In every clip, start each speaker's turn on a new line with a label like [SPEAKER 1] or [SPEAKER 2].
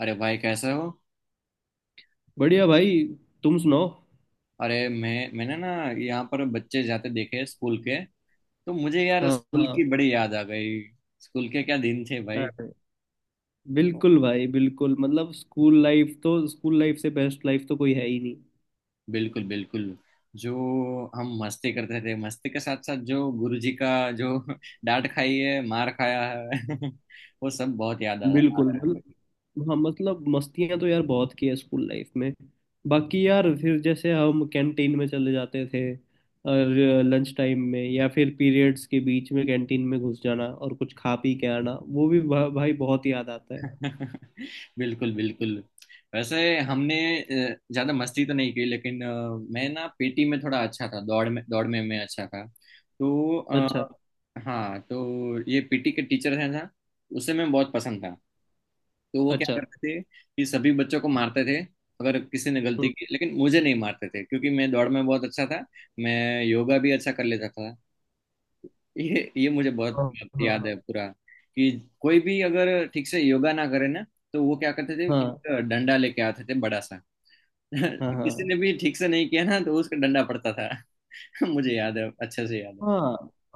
[SPEAKER 1] अरे भाई, कैसे हो?
[SPEAKER 2] बढ़िया भाई। तुम सुनाओ।
[SPEAKER 1] अरे मैं मैंने ना यहाँ पर बच्चे जाते देखे स्कूल के, तो मुझे यार
[SPEAKER 2] हाँ,
[SPEAKER 1] स्कूल की
[SPEAKER 2] हाँ।
[SPEAKER 1] बड़ी याद आ गई। स्कूल के क्या दिन थे भाई।
[SPEAKER 2] अरे, बिल्कुल भाई बिल्कुल, मतलब स्कूल लाइफ तो, स्कूल लाइफ से बेस्ट लाइफ तो कोई है ही नहीं।
[SPEAKER 1] बिल्कुल बिल्कुल। जो हम मस्ती करते थे, मस्ती के साथ साथ जो गुरुजी का, जो डांट खाई है, मार खाया है वो सब बहुत याद आ आ
[SPEAKER 2] बिल्कुल,
[SPEAKER 1] रहा है।
[SPEAKER 2] मतलब, हाँ, मतलब मस्तियां तो यार बहुत की है स्कूल लाइफ में। बाकी यार फिर जैसे हम कैंटीन में चले जाते थे, और लंच टाइम में या फिर पीरियड्स के बीच में कैंटीन में घुस जाना और कुछ खा पी के आना वो भी भाई बहुत याद आता है।
[SPEAKER 1] बिल्कुल बिल्कुल। वैसे हमने ज्यादा मस्ती तो नहीं की, लेकिन मैं ना पीटी में थोड़ा अच्छा था, दौड़ में मैं अच्छा था, तो
[SPEAKER 2] अच्छा।
[SPEAKER 1] हाँ। तो ये पीटी के टीचर हैं ना, उसे मैं बहुत पसंद था। तो वो क्या
[SPEAKER 2] अच्छा।
[SPEAKER 1] करते थे कि सभी बच्चों को मारते थे अगर किसी ने गलती
[SPEAKER 2] हम्म,
[SPEAKER 1] की, लेकिन मुझे नहीं मारते थे क्योंकि मैं दौड़ में बहुत अच्छा था। मैं योगा भी अच्छा कर लेता था। ये मुझे बहुत
[SPEAKER 2] हाँ,
[SPEAKER 1] याद
[SPEAKER 2] हाँ,
[SPEAKER 1] है पूरा, कि कोई भी अगर ठीक से योगा ना करे ना, तो वो क्या करते थे,
[SPEAKER 2] हाँ,
[SPEAKER 1] एक डंडा लेके आते थे बड़ा सा।
[SPEAKER 2] हाँ, हाँ,
[SPEAKER 1] किसी
[SPEAKER 2] हाँ,
[SPEAKER 1] ने भी ठीक से नहीं किया ना तो उसका डंडा पड़ता था। मुझे याद है, अच्छे से याद है।
[SPEAKER 2] हाँ,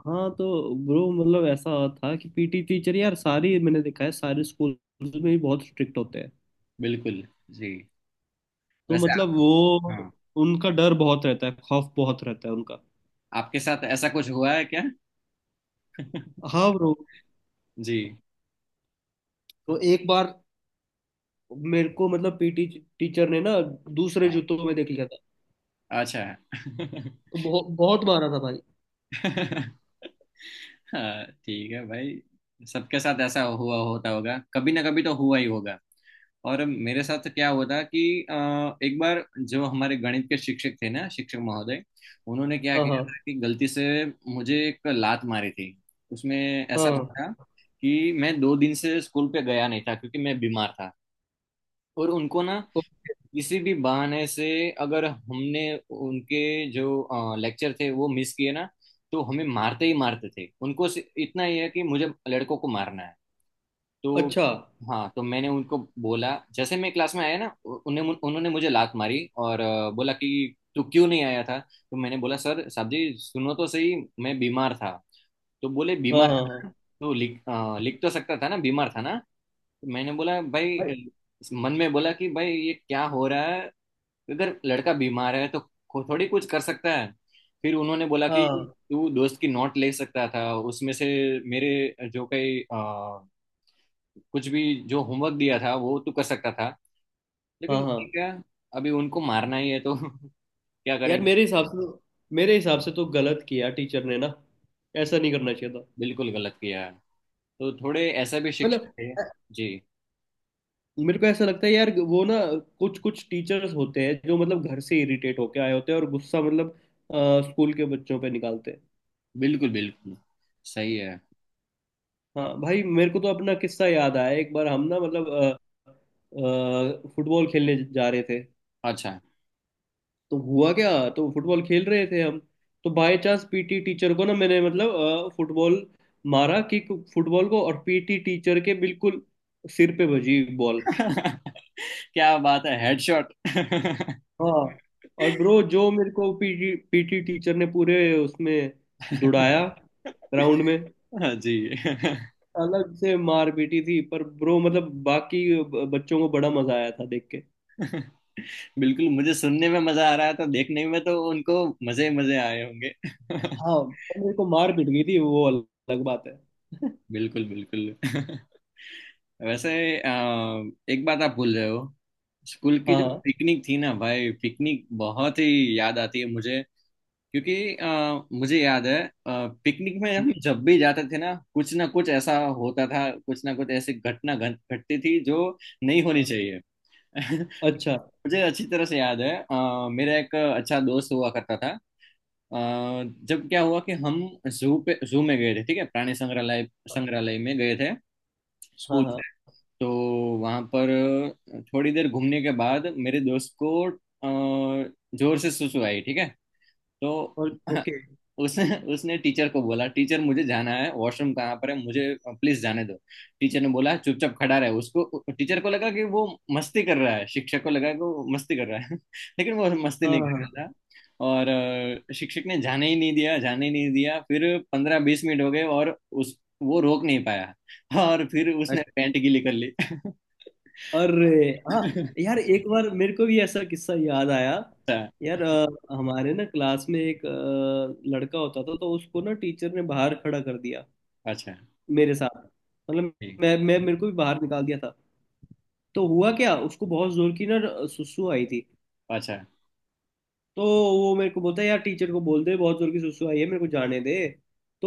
[SPEAKER 2] हाँ। तो ब्रो मतलब ऐसा था कि पीटी टीचर यार, सारी मैंने देखा है, सारे स्कूल में ही बहुत स्ट्रिक्ट होते हैं।
[SPEAKER 1] बिल्कुल जी।
[SPEAKER 2] तो
[SPEAKER 1] वैसे
[SPEAKER 2] मतलब
[SPEAKER 1] आप-
[SPEAKER 2] वो,
[SPEAKER 1] हाँ,
[SPEAKER 2] उनका डर बहुत रहता है, खौफ बहुत रहता है उनका।
[SPEAKER 1] आपके साथ ऐसा कुछ हुआ है क्या?
[SPEAKER 2] हाँ ब्रो,
[SPEAKER 1] जी।
[SPEAKER 2] तो एक बार मेरे को मतलब पीटी टीचर ने ना दूसरे
[SPEAKER 1] हाँ,
[SPEAKER 2] जूतों में देख लिया था।
[SPEAKER 1] अच्छा।
[SPEAKER 2] तो बहुत बहुत मारा था भाई।
[SPEAKER 1] हाँ ठीक है भाई, सबके साथ ऐसा हुआ होता होगा, कभी ना कभी तो हुआ ही होगा। और मेरे साथ क्या हुआ था कि अ, एक बार जो हमारे गणित के शिक्षक थे ना, शिक्षक महोदय, उन्होंने क्या
[SPEAKER 2] हाँ, हाँ।
[SPEAKER 1] किया था कि गलती से मुझे एक लात मारी थी। उसमें
[SPEAKER 2] हाँ,
[SPEAKER 1] ऐसा
[SPEAKER 2] हाँ।
[SPEAKER 1] हुआ था कि मैं 2 दिन से स्कूल पे गया नहीं था क्योंकि मैं बीमार था, और उनको ना
[SPEAKER 2] तो-
[SPEAKER 1] किसी भी बहाने से अगर हमने उनके जो लेक्चर थे वो मिस किए ना, तो हमें मारते ही मारते थे। उनको इतना ही है कि मुझे लड़कों को मारना है। तो
[SPEAKER 2] अच्छा।
[SPEAKER 1] हाँ, तो मैंने उनको बोला, जैसे मैं क्लास में आया ना उ- उन्हें उन्होंने मुझे लात मारी और बोला कि तू क्यों नहीं आया था। तो मैंने बोला, सर साहब जी, सुनो तो सही, मैं बीमार था। तो बोले
[SPEAKER 2] हाँ,
[SPEAKER 1] बीमार
[SPEAKER 2] हाँ,
[SPEAKER 1] था
[SPEAKER 2] हाँ।
[SPEAKER 1] ना? तो लिख, लिख तो सकता था ना, बीमार था ना। तो मैंने बोला भाई,
[SPEAKER 2] भाई,
[SPEAKER 1] मन में बोला कि भाई ये क्या हो रहा है, अगर लड़का बीमार है तो थोड़ी कुछ कर सकता है। फिर उन्होंने बोला कि
[SPEAKER 2] हाँ,
[SPEAKER 1] तू दोस्त की नोट ले सकता था, उसमें से मेरे जो कई कुछ भी जो होमवर्क दिया था वो तो कर सकता था,
[SPEAKER 2] हाँ,
[SPEAKER 1] लेकिन
[SPEAKER 2] हाँ।
[SPEAKER 1] ठीक है, अभी उनको मारना ही है तो क्या
[SPEAKER 2] यार
[SPEAKER 1] करेंगे।
[SPEAKER 2] मेरे हिसाब से तो गलत किया टीचर ने ना, ऐसा नहीं करना चाहिए था।
[SPEAKER 1] बिल्कुल गलत किया है। तो थोड़े ऐसा भी शिक्षक
[SPEAKER 2] मतलब
[SPEAKER 1] है। जी
[SPEAKER 2] मेरे को ऐसा लगता है यार, वो ना कुछ कुछ टीचर्स होते हैं जो मतलब घर से इरिटेट होके आए होते हैं और गुस्सा मतलब स्कूल के बच्चों पे निकालते हैं।
[SPEAKER 1] बिल्कुल बिल्कुल, सही है।
[SPEAKER 2] हाँ भाई, मेरे को तो अपना किस्सा याद आया। एक बार हम ना मतलब फुटबॉल खेलने जा रहे थे।
[SPEAKER 1] अच्छा।
[SPEAKER 2] तो हुआ क्या, तो फुटबॉल खेल रहे थे हम। तो बाय चांस पीटी टीचर को ना मैंने मतलब फुटबॉल मारा कि, फुटबॉल को, और पीटी टीचर के बिल्कुल सिर पे बजी बॉल।
[SPEAKER 1] क्या बात है, हेडशॉट।
[SPEAKER 2] हाँ। और ब्रो जो मेरे को पीटी पीटी टीचर ने पूरे उसमें दुड़ाया ग्राउंड में।
[SPEAKER 1] जी।
[SPEAKER 2] अलग से मार पीटी थी, पर ब्रो मतलब बाकी बच्चों को बड़ा मजा आया था देख के।
[SPEAKER 1] बिल्कुल, मुझे सुनने में मजा आ रहा है तो देखने में तो उनको मजे मजे आए होंगे।
[SPEAKER 2] हाँ, पर मेरे को मार पीट गई थी वो अलग बात है।
[SPEAKER 1] बिल्कुल बिल्कुल। वैसे अ, एक बात आप भूल रहे हो, स्कूल की जो
[SPEAKER 2] हाँ,
[SPEAKER 1] पिकनिक थी ना भाई, पिकनिक बहुत ही याद आती है मुझे, क्योंकि मुझे याद है, पिकनिक में हम जब भी जाते थे ना, कुछ ना कुछ ऐसा होता था, कुछ ना कुछ ऐसी घटना घट घटती थी जो नहीं होनी
[SPEAKER 2] हाँ।
[SPEAKER 1] चाहिए।
[SPEAKER 2] अच्छा।
[SPEAKER 1] मुझे अच्छी तरह से याद है, मेरा एक अच्छा दोस्त हुआ करता था, जब क्या हुआ कि हम जू में गए थे, ठीक है, प्राणी संग्रहालय संग्रहालय में गए थे
[SPEAKER 2] हाँ,
[SPEAKER 1] स्कूल
[SPEAKER 2] हाँ।
[SPEAKER 1] से। तो वहां पर थोड़ी देर घूमने के बाद मेरे दोस्त को जोर से सुसु आई, ठीक है। तो
[SPEAKER 2] और ओके।
[SPEAKER 1] उसने उसने टीचर को बोला, टीचर मुझे जाना है, वॉशरूम कहाँ पर है, मुझे प्लीज जाने दो। टीचर ने बोला चुपचाप खड़ा रहे, उसको टीचर को लगा कि वो मस्ती कर रहा है, शिक्षक को लगा कि वो मस्ती कर रहा है, लेकिन वो मस्ती
[SPEAKER 2] हाँ,
[SPEAKER 1] नहीं कर
[SPEAKER 2] हाँ,
[SPEAKER 1] रहा था। और शिक्षक ने जाने ही नहीं दिया, जाने ही नहीं दिया। फिर 15-20 मिनट हो गए, और उस वो रोक नहीं पाया, और फिर
[SPEAKER 2] हाँ।
[SPEAKER 1] उसने पैंट गीली कर ली।
[SPEAKER 2] अरे, हाँ। यार एक बार मेरे को भी ऐसा किस्सा याद आया।
[SPEAKER 1] अच्छा।
[SPEAKER 2] यार हमारे ना क्लास में एक लड़का होता था, तो उसको ना टीचर ने बाहर खड़ा कर दिया
[SPEAKER 1] अच्छा,
[SPEAKER 2] मेरे साथ, मतलब
[SPEAKER 1] ठीक।
[SPEAKER 2] मैं मेरे को भी बाहर निकाल दिया था। तो हुआ क्या, उसको बहुत जोर की ना सुसु आई थी।
[SPEAKER 1] अच्छा।
[SPEAKER 2] तो वो मेरे को बोलता है, यार टीचर को बोल दे, बहुत जोर की सुसु आई है मेरे को, जाने दे।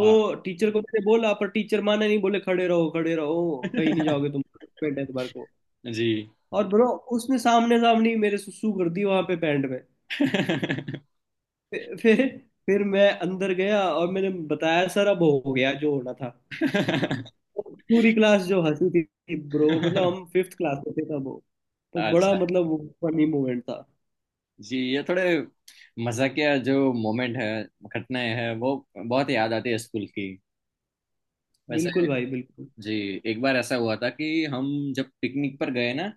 [SPEAKER 1] हाँ।
[SPEAKER 2] टीचर को मैंने बोला, पर टीचर माने नहीं, बोले खड़े रहो, खड़े रहो, कहीं नहीं जाओगे तुम। पेट है तुम्हारे को।
[SPEAKER 1] जी।
[SPEAKER 2] और ब्रो, उसने सामने सामने ही मेरे सुसु कर दी वहां पे पैंट। फिर फिर फिर मैं अंदर गया और मैंने बताया सर, अब हो गया जो होना था। पूरी क्लास जो हंसी थी ब्रो, मतलब हम फिफ्थ क्लास में थे तब वो। तो बड़ा
[SPEAKER 1] अच्छा।
[SPEAKER 2] मतलब वो फनी मोमेंट था।
[SPEAKER 1] जी, ये थोड़े मजाकिया जो मोमेंट है, घटनाएं हैं, वो बहुत याद आती है स्कूल की। वैसे
[SPEAKER 2] बिल्कुल भाई बिल्कुल।
[SPEAKER 1] जी, एक बार ऐसा हुआ था कि हम जब पिकनिक पर गए ना,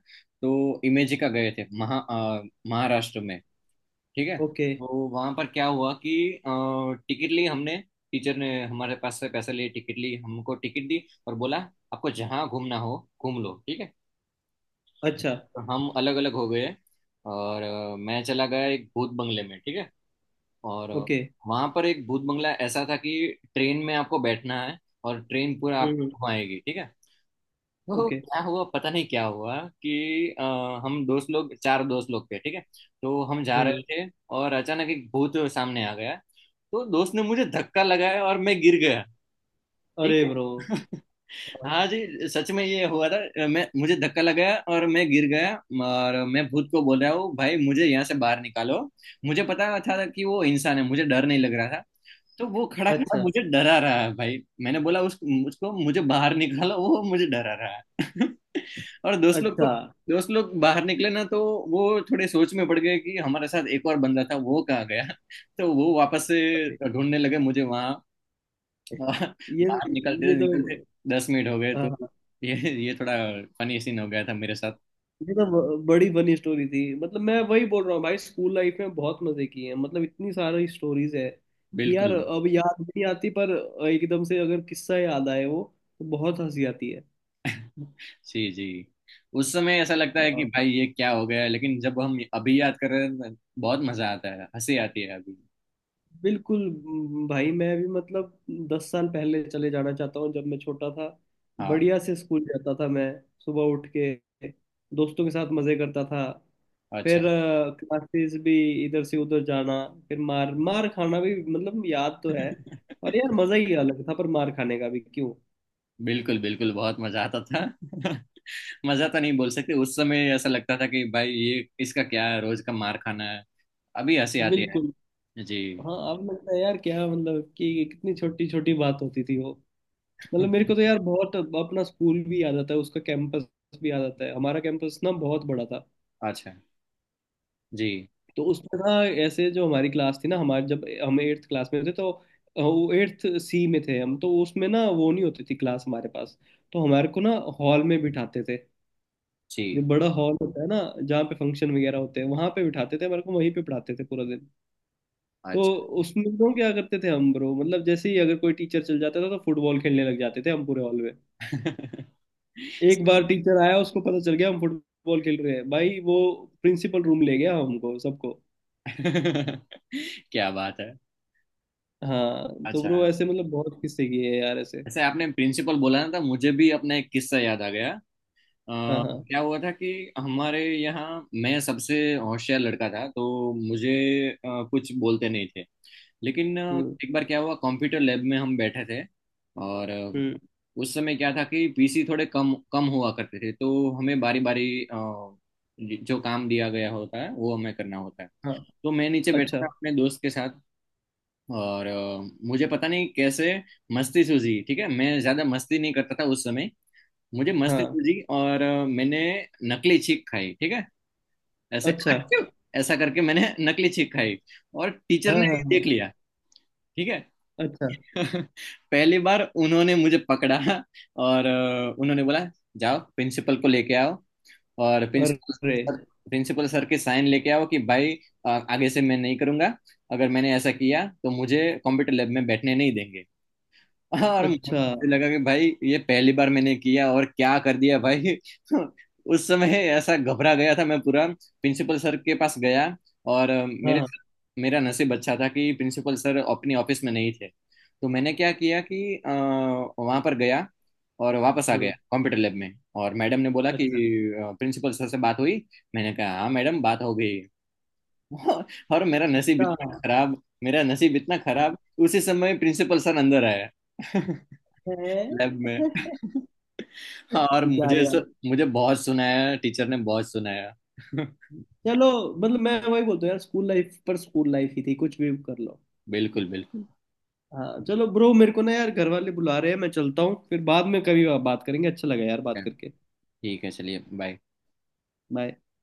[SPEAKER 1] तो इमेजिका गए थे, महाराष्ट्र में, ठीक है।
[SPEAKER 2] ओके।
[SPEAKER 1] तो वहां पर क्या हुआ कि टिकट ली हमने, टीचर ने हमारे पास से पैसे लिए, टिकट ली, हमको टिकट दी और बोला आपको जहाँ घूमना हो घूम लो, ठीक है।
[SPEAKER 2] अच्छा।
[SPEAKER 1] हम अलग अलग हो गए, और मैं चला गया एक भूत बंगले में, ठीक है। और
[SPEAKER 2] ओके।
[SPEAKER 1] वहां पर एक भूत बंगला ऐसा था कि ट्रेन में आपको बैठना है, और ट्रेन पूरा आपको
[SPEAKER 2] हम्म।
[SPEAKER 1] घुमाएगी, ठीक है। तो
[SPEAKER 2] ओके।
[SPEAKER 1] क्या हुआ पता नहीं क्या हुआ कि अ, हम दोस्त लोग चार दोस्त लोग थे, ठीक है। तो हम जा
[SPEAKER 2] हम्म।
[SPEAKER 1] रहे थे, और अचानक एक भूत सामने आ गया, तो दोस्त ने मुझे धक्का लगाया और मैं गिर गया, ठीक
[SPEAKER 2] अरे
[SPEAKER 1] है।
[SPEAKER 2] ब्रो।
[SPEAKER 1] हाँ जी, सच में ये हुआ था, मैं मुझे धक्का लगाया और मैं गिर गया, और मैं भूत को बोल रहा हूँ भाई, मुझे यहाँ से बाहर निकालो। मुझे पता था कि वो इंसान है, मुझे डर नहीं लग रहा था। तो वो खड़ा खड़ा
[SPEAKER 2] अच्छा।
[SPEAKER 1] मुझे डरा रहा है भाई, मैंने बोला उस उसको मुझे बाहर निकालो, वो मुझे डरा रहा है। और
[SPEAKER 2] अच्छा।
[SPEAKER 1] दोस्त लोग बाहर निकले ना तो वो थोड़े सोच में पड़ गए कि हमारे साथ एक और बंदा था, वो कहाँ गया। तो वो वापस से
[SPEAKER 2] अरे,
[SPEAKER 1] ढूंढने लगे मुझे वहां। हाँ,
[SPEAKER 2] ये तो,
[SPEAKER 1] बाहर निकलते
[SPEAKER 2] ये तो
[SPEAKER 1] निकलते 10 मिनट हो गए तो
[SPEAKER 2] हाँ,
[SPEAKER 1] ये ये थोड़ा फनी सीन हो गया था मेरे साथ।
[SPEAKER 2] ये तो बड़ी फनी स्टोरी थी। मतलब मैं वही बोल रहा हूँ भाई, स्कूल लाइफ में बहुत मजे किए हैं, मतलब इतनी सारी स्टोरीज है कि यार
[SPEAKER 1] बिल्कुल
[SPEAKER 2] अब याद नहीं आती, पर एकदम से अगर किस्सा याद आए वो तो बहुत हंसी आती है।
[SPEAKER 1] जी। जी, उस समय ऐसा लगता है कि
[SPEAKER 2] हाँ,
[SPEAKER 1] भाई ये क्या हो गया, लेकिन जब हम अभी याद कर रहे हैं तो बहुत मजा आता है, हंसी आती है अभी।
[SPEAKER 2] बिल्कुल। भाई, मैं भी मतलब 10 साल पहले चले जाना चाहता हूँ जब मैं छोटा था।
[SPEAKER 1] हाँ,
[SPEAKER 2] बढ़िया से स्कूल जाता था मैं, सुबह उठ के दोस्तों के साथ मजे करता था।
[SPEAKER 1] अच्छा।
[SPEAKER 2] फिर क्लासेस भी, इधर से उधर जाना, फिर मार मार खाना भी, मतलब याद तो है। और यार मजा ही अलग था, पर मार खाने का भी, क्यों।
[SPEAKER 1] बिल्कुल बिल्कुल, बहुत मजा आता था। मजा तो नहीं बोल सकते, उस समय ऐसा लगता था कि भाई ये इसका क्या है, रोज का मार खाना है। अभी हंसी आती है।
[SPEAKER 2] बिल्कुल।
[SPEAKER 1] जी।
[SPEAKER 2] हाँ, अब लगता है यार क्या, मतलब कि कितनी छोटी छोटी बात होती थी वो। मतलब मेरे को तो यार बहुत अपना स्कूल भी याद आता है, उसका कैंपस भी याद आता है। हमारा कैंपस ना बहुत बड़ा था।
[SPEAKER 1] अच्छा। जी
[SPEAKER 2] तो उसमें ना, ऐसे जो हमारी क्लास थी ना, हमारे जब हम एट्थ क्लास में थे तो वो एट्थ सी में थे हम, तो उसमें ना वो नहीं होती थी क्लास हमारे पास। तो हमारे को ना हॉल में बिठाते थे। जो
[SPEAKER 1] जी।
[SPEAKER 2] बड़ा हॉल होता है ना, जहाँ पे फंक्शन वगैरह होते हैं, वहां पे बिठाते थे मेरे को, वहीं पे पढ़ाते थे पूरा दिन। तो उसमें तो क्या करते थे हम ब्रो, मतलब जैसे ही अगर कोई टीचर चल जाता था तो फुटबॉल खेलने लग जाते थे हम पूरे हॉल में।
[SPEAKER 1] अच्छा।
[SPEAKER 2] एक बार टीचर आया, उसको पता चल गया हम फुटबॉल खेल रहे हैं भाई, वो प्रिंसिपल रूम ले गया हमको सबको।
[SPEAKER 1] क्या बात है।
[SPEAKER 2] हाँ तो
[SPEAKER 1] अच्छा,
[SPEAKER 2] ब्रो ऐसे मतलब बहुत किस्से किए हैं यार ऐसे।
[SPEAKER 1] ऐसे आपने प्रिंसिपल बोला ना था, मुझे भी अपना एक किस्सा याद आ गया।
[SPEAKER 2] हाँ, हाँ।
[SPEAKER 1] क्या हुआ था कि हमारे यहाँ मैं सबसे होशियार लड़का था, तो मुझे कुछ बोलते नहीं थे। लेकिन
[SPEAKER 2] हम्म।
[SPEAKER 1] एक बार क्या हुआ, कंप्यूटर लैब में हम बैठे थे, और
[SPEAKER 2] हम्म।
[SPEAKER 1] उस समय क्या था कि पीसी थोड़े कम कम हुआ करते थे, तो हमें बारी बारी जो काम दिया गया होता है वो हमें करना होता है।
[SPEAKER 2] हाँ।
[SPEAKER 1] तो मैं नीचे
[SPEAKER 2] अच्छा।
[SPEAKER 1] बैठा था अपने दोस्त के साथ, और मुझे पता नहीं कैसे मस्ती सूझी, ठीक है, मैं ज्यादा मस्ती नहीं करता था उस समय। मुझे मस्ती
[SPEAKER 2] हाँ।
[SPEAKER 1] सूझी और मैंने नकली छींक खाई, ठीक है, ऐसे
[SPEAKER 2] अच्छा।
[SPEAKER 1] "आक्यू!" ऐसा करके मैंने नकली छींक खाई, और टीचर ने
[SPEAKER 2] हाँ, हाँ,
[SPEAKER 1] ये
[SPEAKER 2] हाँ।
[SPEAKER 1] देख लिया, ठीक है।
[SPEAKER 2] अच्छा।
[SPEAKER 1] पहली बार उन्होंने मुझे पकड़ा, और उन्होंने बोला जाओ प्रिंसिपल को लेके आओ, और
[SPEAKER 2] अरे।
[SPEAKER 1] सर प्रिंसिपल सर के साइन लेके आओ कि भाई आगे से मैं नहीं करूंगा, अगर मैंने ऐसा किया तो मुझे कंप्यूटर लैब में बैठने नहीं देंगे। और
[SPEAKER 2] अच्छा।
[SPEAKER 1] मुझे लगा कि भाई ये पहली बार मैंने किया और क्या कर दिया भाई। उस समय ऐसा घबरा गया था मैं पूरा, प्रिंसिपल सर के पास गया, और अ,
[SPEAKER 2] हाँ,
[SPEAKER 1] मेरे
[SPEAKER 2] हाँ।
[SPEAKER 1] मेरा नसीब अच्छा था कि प्रिंसिपल सर अपनी ऑफिस में नहीं थे। तो मैंने क्या किया कि वहां पर गया और वापस आ गया
[SPEAKER 2] हम्म।
[SPEAKER 1] कंप्यूटर लैब में। और मैडम ने बोला कि
[SPEAKER 2] अच्छा।
[SPEAKER 1] प्रिंसिपल सर से बात हुई, मैंने कहा हाँ मैडम, बात हो गई। और मेरा नसीब
[SPEAKER 2] अच्छा।
[SPEAKER 1] इतना खराब, मेरा नसीब इतना खराब, उसी समय प्रिंसिपल सर अंदर आया
[SPEAKER 2] है।
[SPEAKER 1] लैब में। हाँ, और
[SPEAKER 2] बेचारे यार।
[SPEAKER 1] मुझे बहुत सुनाया, टीचर ने बहुत सुनाया।
[SPEAKER 2] चलो, मतलब मैं वही बोलता हूँ यार, स्कूल लाइफ पर स्कूल लाइफ ही थी, कुछ भी कर लो।
[SPEAKER 1] बिल्कुल बिल्कुल।
[SPEAKER 2] हाँ चलो ब्रो, मेरे को ना यार घर वाले बुला रहे हैं, मैं चलता हूँ, फिर बाद में कभी बात करेंगे। अच्छा लगा यार बात करके।
[SPEAKER 1] ठीक है, चलिए, बाय।
[SPEAKER 2] बाय।